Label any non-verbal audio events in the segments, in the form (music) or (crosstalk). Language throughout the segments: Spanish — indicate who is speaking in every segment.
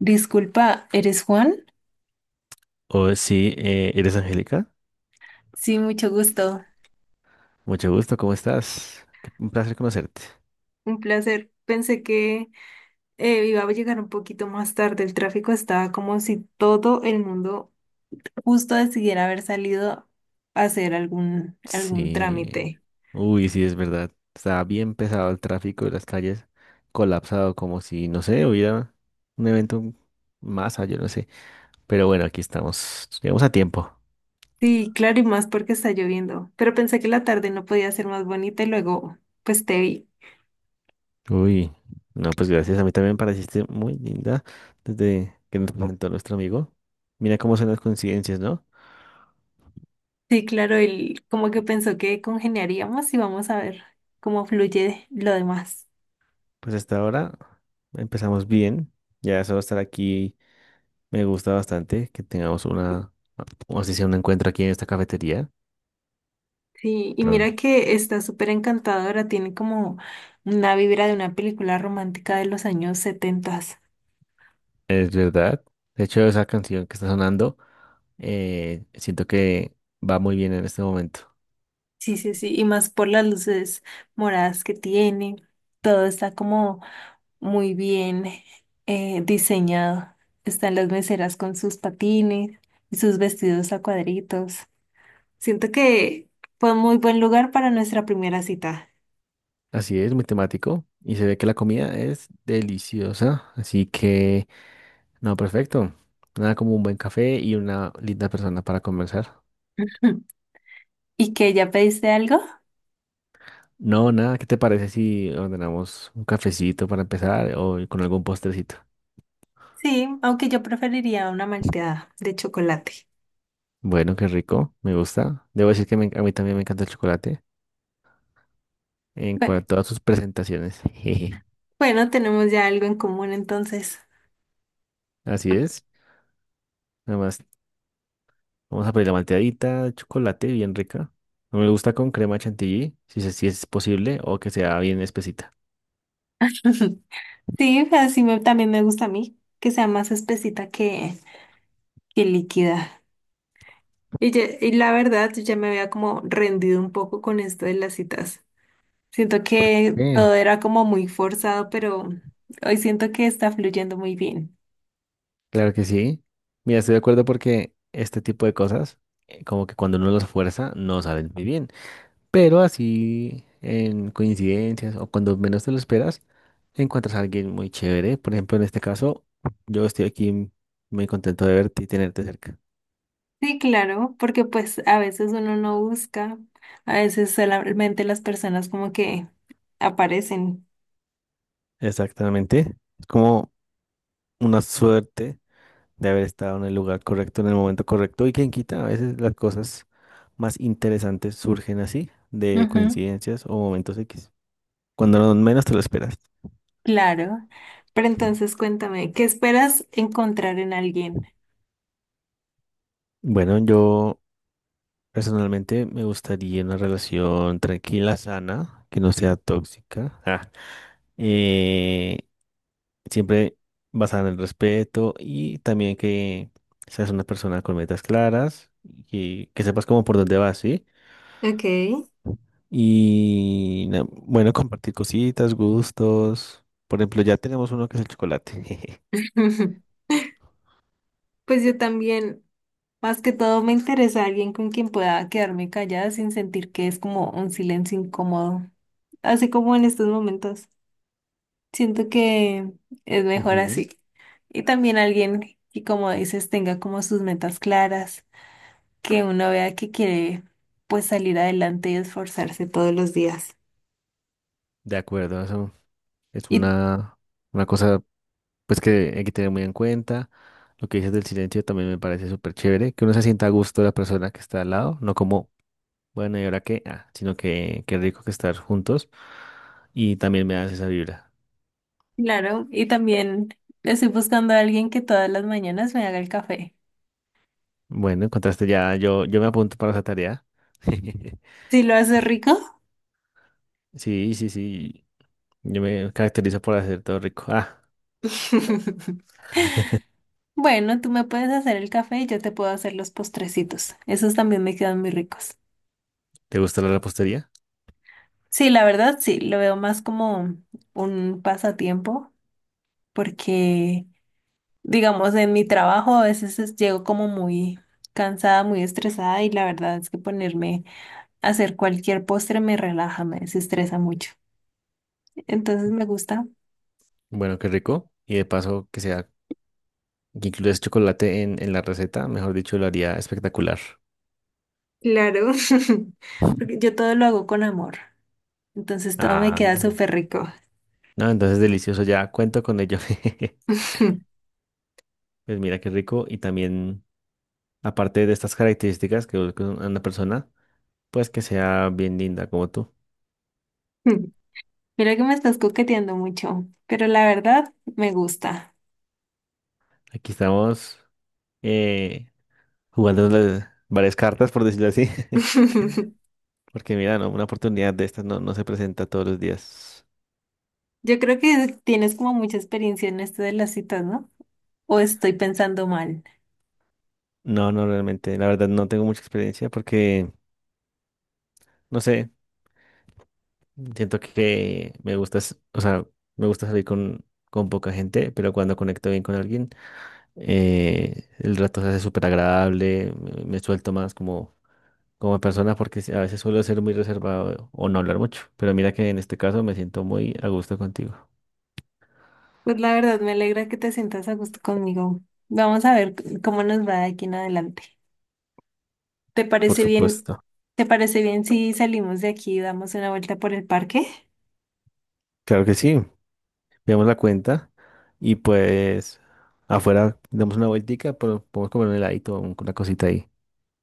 Speaker 1: Disculpa, ¿eres Juan?
Speaker 2: Oh, sí, ¿eres Angélica?
Speaker 1: Sí, mucho gusto.
Speaker 2: Mucho gusto, ¿cómo estás? Qué- Un placer conocerte.
Speaker 1: Un placer. Pensé que iba a llegar un poquito más tarde. El tráfico estaba como si todo el mundo justo decidiera haber salido a hacer algún
Speaker 2: Sí.
Speaker 1: trámite.
Speaker 2: Uy, sí, es verdad. Está bien pesado el tráfico de las calles, colapsado como si, no sé, hubiera un evento masa, yo no sé. Pero bueno, aquí estamos. Llegamos a tiempo.
Speaker 1: Sí, claro, y más porque está lloviendo. Pero pensé que la tarde no podía ser más bonita y luego, pues te vi.
Speaker 2: Uy, no, pues gracias. A mí también me pareciste muy linda desde que nos presentó nuestro amigo. Mira cómo son las coincidencias, ¿no?
Speaker 1: Sí, claro, él como que pensó que congeniaríamos y vamos a ver cómo fluye lo demás.
Speaker 2: Pues hasta ahora empezamos bien. Ya solo estar aquí. Me gusta bastante que tengamos una, o así sea, un encuentro aquí en esta cafetería,
Speaker 1: Sí, y
Speaker 2: pero
Speaker 1: mira que está súper encantadora, tiene como una vibra de una película romántica de los años setentas.
Speaker 2: es verdad. De hecho, esa canción que está sonando, siento que va muy bien en este momento.
Speaker 1: Sí, sí, sí, y más por las luces moradas que tiene, todo está como muy bien diseñado. Están las meseras con sus patines y sus vestidos a cuadritos. Siento que fue un muy buen lugar para nuestra primera cita.
Speaker 2: Así es, muy temático y se ve que la comida es deliciosa, así que, no, perfecto. Nada como un buen café y una linda persona para conversar.
Speaker 1: (laughs) Ujú. ¿Y que ya pediste algo?
Speaker 2: No, nada, ¿qué te parece si ordenamos un cafecito para empezar o con algún postrecito?
Speaker 1: Sí, aunque yo preferiría una malteada de chocolate.
Speaker 2: Bueno, qué rico, me gusta. Debo decir que a mí también me encanta el chocolate en cuanto a sus presentaciones. (laughs) Jeje.
Speaker 1: Bueno, tenemos ya algo en común entonces.
Speaker 2: Así es. Nada más, vamos a pedir la malteadita, de chocolate bien rica. No me gusta con crema chantilly, si, si es posible, o que sea bien espesita.
Speaker 1: (laughs) Sí, así me- también me gusta a mí, que sea más espesita que líquida. Y, ya- y la verdad, yo ya me había como rendido un poco con esto de las citas. Siento que
Speaker 2: Eh,
Speaker 1: todo era como muy forzado, pero hoy siento que está fluyendo muy bien.
Speaker 2: Claro que sí. Mira, estoy de acuerdo porque este tipo de cosas, como que cuando uno los fuerza, no salen muy bien. Pero así, en coincidencias o cuando menos te lo esperas, encuentras a alguien muy chévere. Por ejemplo, en este caso, yo estoy aquí muy contento de verte y tenerte cerca.
Speaker 1: Sí, claro, porque pues a veces uno no busca, a veces solamente las personas como que aparecen.
Speaker 2: Exactamente. Es como una suerte de haber estado en el lugar correcto, en el momento correcto. Y quien quita, a veces las cosas más interesantes surgen así, de
Speaker 1: Ujú.
Speaker 2: coincidencias o momentos X, cuando menos te lo esperas.
Speaker 1: Claro. Pero entonces cuéntame, ¿qué esperas encontrar en alguien?
Speaker 2: Bueno, yo personalmente me gustaría una relación tranquila, sana, que no sea tóxica. Ah. Eh, siempre basada en el respeto y también que seas una persona con metas claras y que sepas cómo por dónde vas, ¿sí?
Speaker 1: Ok.
Speaker 2: Y bueno, (laughs) compartir cositas, gustos. Por ejemplo, ya tenemos uno que es el chocolate. (laughs)
Speaker 1: (laughs) Pues yo también, más que todo, me interesa alguien con quien pueda quedarme callada sin sentir que es como un silencio incómodo, así como en estos momentos. Siento que es mejor
Speaker 2: Ujú.
Speaker 1: así. Y también alguien que, como dices, tenga como sus metas claras, que uno vea que quiere pues salir adelante y esforzarse todos los días.
Speaker 2: De acuerdo, eso es
Speaker 1: Y
Speaker 2: una cosa pues que hay que tener muy en cuenta. Lo que dices del silencio también me parece súper chévere, que uno se sienta a gusto de la persona que está al lado, no como, bueno, ¿y ahora qué? Ah, sino que qué rico que estar juntos. Y también me das esa vibra.
Speaker 1: claro, y también estoy buscando a alguien que todas las mañanas me haga el café.
Speaker 2: Bueno, encontraste ya, yo me apunto para esa tarea. (laughs)
Speaker 1: Si lo hace rico,
Speaker 2: Sí, sí, sí. Yo me caracterizo por hacer todo rico. Ah,
Speaker 1: (laughs) bueno, tú me puedes hacer el café y yo te puedo hacer los postrecitos. Esos también me quedan muy ricos.
Speaker 2: ¿te gusta la repostería?
Speaker 1: Sí, la verdad, sí, lo veo más como un pasatiempo porque, digamos, en mi trabajo a veces es- llego como muy cansada, muy estresada y la verdad es que ponerme a hacer cualquier postre me relaja, me desestresa mucho. Entonces me gusta.
Speaker 2: Bueno, qué rico. Y de paso que sea, que incluyas chocolate en la receta, mejor dicho, lo haría espectacular.
Speaker 1: Claro, (laughs) porque yo todo lo hago con amor, entonces todo me
Speaker 2: Ah.
Speaker 1: queda súper rico.
Speaker 2: No, entonces delicioso, ya cuento con ello. (laughs)
Speaker 1: (laughs)
Speaker 2: Pues mira qué rico. Y también, aparte de estas características que busca una persona, pues que sea bien linda como tú.
Speaker 1: Mira que me estás coqueteando mucho, pero la verdad me gusta.
Speaker 2: Aquí estamos eh, jugando varias cartas, por decirlo así.
Speaker 1: (laughs)
Speaker 2: (laughs) Porque mira, no, una oportunidad de estas no, no se presenta todos los días.
Speaker 1: Yo creo que tienes como mucha experiencia en esto de las citas, ¿no? O estoy pensando mal.
Speaker 2: No, no, realmente. La verdad no tengo mucha experiencia porque, no sé, siento que me gusta, o sea, me gusta salir con poca gente, pero cuando conecto bien con alguien, el rato se hace súper agradable, me suelto más como... como persona porque sí, a veces suelo ser muy reservado o no hablar mucho, pero mira que en este caso me siento muy a gusto contigo.
Speaker 1: Pues la verdad me alegra que te sientas a gusto conmigo. Vamos a ver c- cómo nos va de aquí en adelante. ¿Te
Speaker 2: Por
Speaker 1: parece bien?
Speaker 2: supuesto.
Speaker 1: ¿Te parece bien si salimos de aquí y damos una vuelta por el parque?
Speaker 2: Claro que sí. Veamos la cuenta y pues afuera damos una vueltica, pero podemos comer un heladito, una cosita ahí.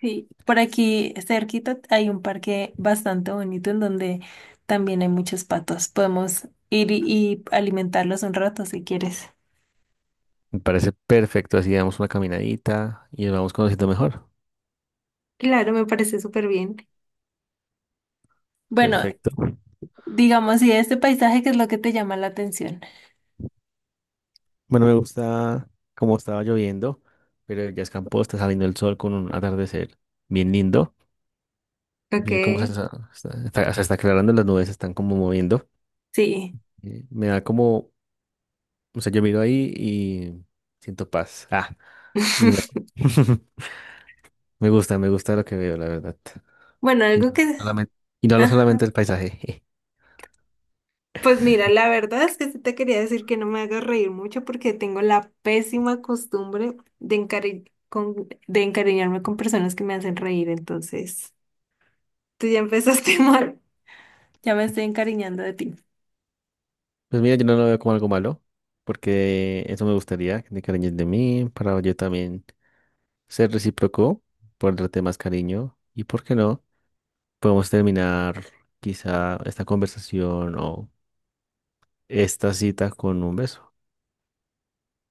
Speaker 1: Sí, por aquí cerquita hay un parque bastante bonito en donde también hay muchos patos. Podemos ir y alimentarlos un rato si quieres.
Speaker 2: Me parece perfecto, así damos una caminadita y nos vamos conociendo mejor.
Speaker 1: Claro, me parece súper bien. Bueno,
Speaker 2: Perfecto.
Speaker 1: digamos, y este paisaje qué es lo que te llama la atención.
Speaker 2: Bueno, me gusta cómo estaba lloviendo, pero ya escampó, está saliendo el sol con un atardecer bien lindo.
Speaker 1: Ok.
Speaker 2: Mira cómo se se está aclarando, las nubes se están como moviendo.
Speaker 1: Sí.
Speaker 2: Me da como, o sea, yo miro ahí y siento paz. Ah, y no.
Speaker 1: (laughs)
Speaker 2: (laughs) Me gusta lo que veo, la verdad.
Speaker 1: Bueno,
Speaker 2: Y
Speaker 1: algo
Speaker 2: no
Speaker 1: que...
Speaker 2: solamente, y no lo solamente
Speaker 1: Ajá.
Speaker 2: el paisaje. (laughs)
Speaker 1: Pues mira, la verdad es que sí te quería decir que no me hagas reír mucho porque tengo la pésima costumbre de encari- con- de encariñarme con personas que me hacen reír, entonces. Tú ya empezaste (laughs) mal. Ya me estoy encariñando de ti.
Speaker 2: Pues mira, yo no lo veo como algo malo, porque eso me gustaría, que te cariñes de mí, para yo también ser recíproco, por darte más cariño. Y por qué no, podemos terminar quizá esta conversación o esta cita con un beso.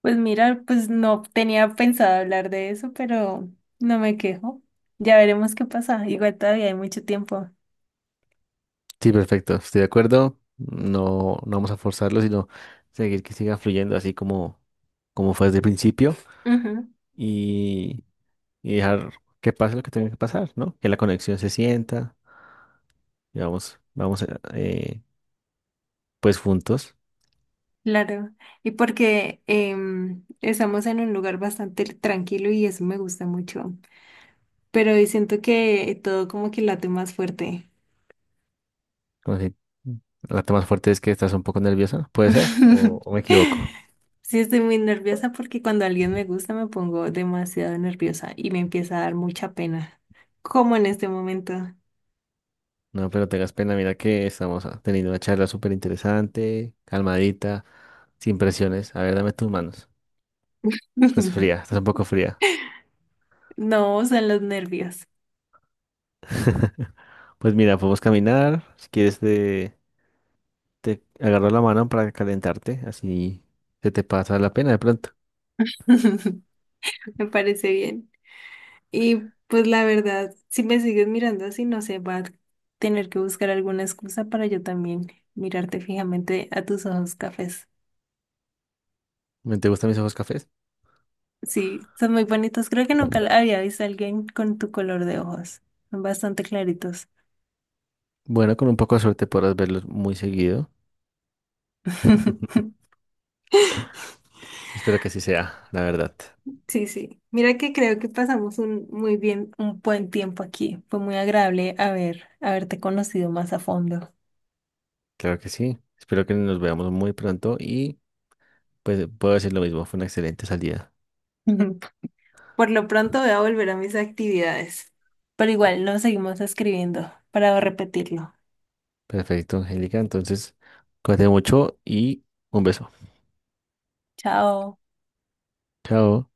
Speaker 1: Pues mira, pues no tenía pensado hablar de eso, pero no me quejo. Ya veremos qué pasa. Igual todavía hay mucho tiempo.
Speaker 2: Sí, perfecto, estoy de acuerdo. No, no vamos a forzarlo, sino seguir que siga fluyendo así como, como fue desde el principio
Speaker 1: Ujú,
Speaker 2: y, y dejar que pase lo que tenga que pasar, ¿no? Que la conexión se sienta y vamos eh, pues juntos.
Speaker 1: claro. Y porque estamos en un lugar bastante tranquilo y eso me gusta mucho. Pero siento que todo como que late más fuerte.
Speaker 2: Como si- la parte más fuerte es que estás un poco nerviosa, ¿puede ser? O me
Speaker 1: (laughs)
Speaker 2: equivoco?
Speaker 1: Sí, estoy muy nerviosa porque cuando alguien me gusta me pongo demasiado nerviosa y me empieza a dar mucha pena, como en este momento.
Speaker 2: No, pero tengas pena, mira que estamos ah, teniendo una charla súper interesante, calmadita, sin presiones. A ver, dame tus manos. Estás fría,
Speaker 1: (laughs)
Speaker 2: estás un poco fría.
Speaker 1: No, son los nervios.
Speaker 2: (laughs) Pues mira, podemos caminar. Si quieres, te agarro la mano para calentarte. Así se te pasa la pena de pronto.
Speaker 1: (laughs) Me parece bien. Y pues la verdad, si me sigues mirando así, no sé, va a tener que buscar alguna excusa para yo también mirarte fijamente a tus ojos cafés.
Speaker 2: ¿Me te gustan mis ojos cafés?
Speaker 1: Sí, son muy bonitos. Creo que nunca había visto a alguien con tu color de ojos. Son bastante claritos.
Speaker 2: Bueno, con un poco de suerte podrás verlos muy seguido.
Speaker 1: (laughs)
Speaker 2: (laughs) Espero que así sea, la verdad.
Speaker 1: Sí, sí. Mira que creo que pasamos un muy bien, un buen tiempo aquí. Fue muy agradable haber, haberte conocido más a fondo.
Speaker 2: Claro que sí. Espero que nos veamos muy pronto y pues puedo decir lo mismo. Fue una excelente salida.
Speaker 1: (laughs) Ujú. Por lo pronto voy a volver a mis actividades. Pero igual nos seguimos escribiendo para repetirlo.
Speaker 2: Perfecto, Angélica. Entonces, cuídate mucho y un beso.
Speaker 1: Chao.
Speaker 2: Chao.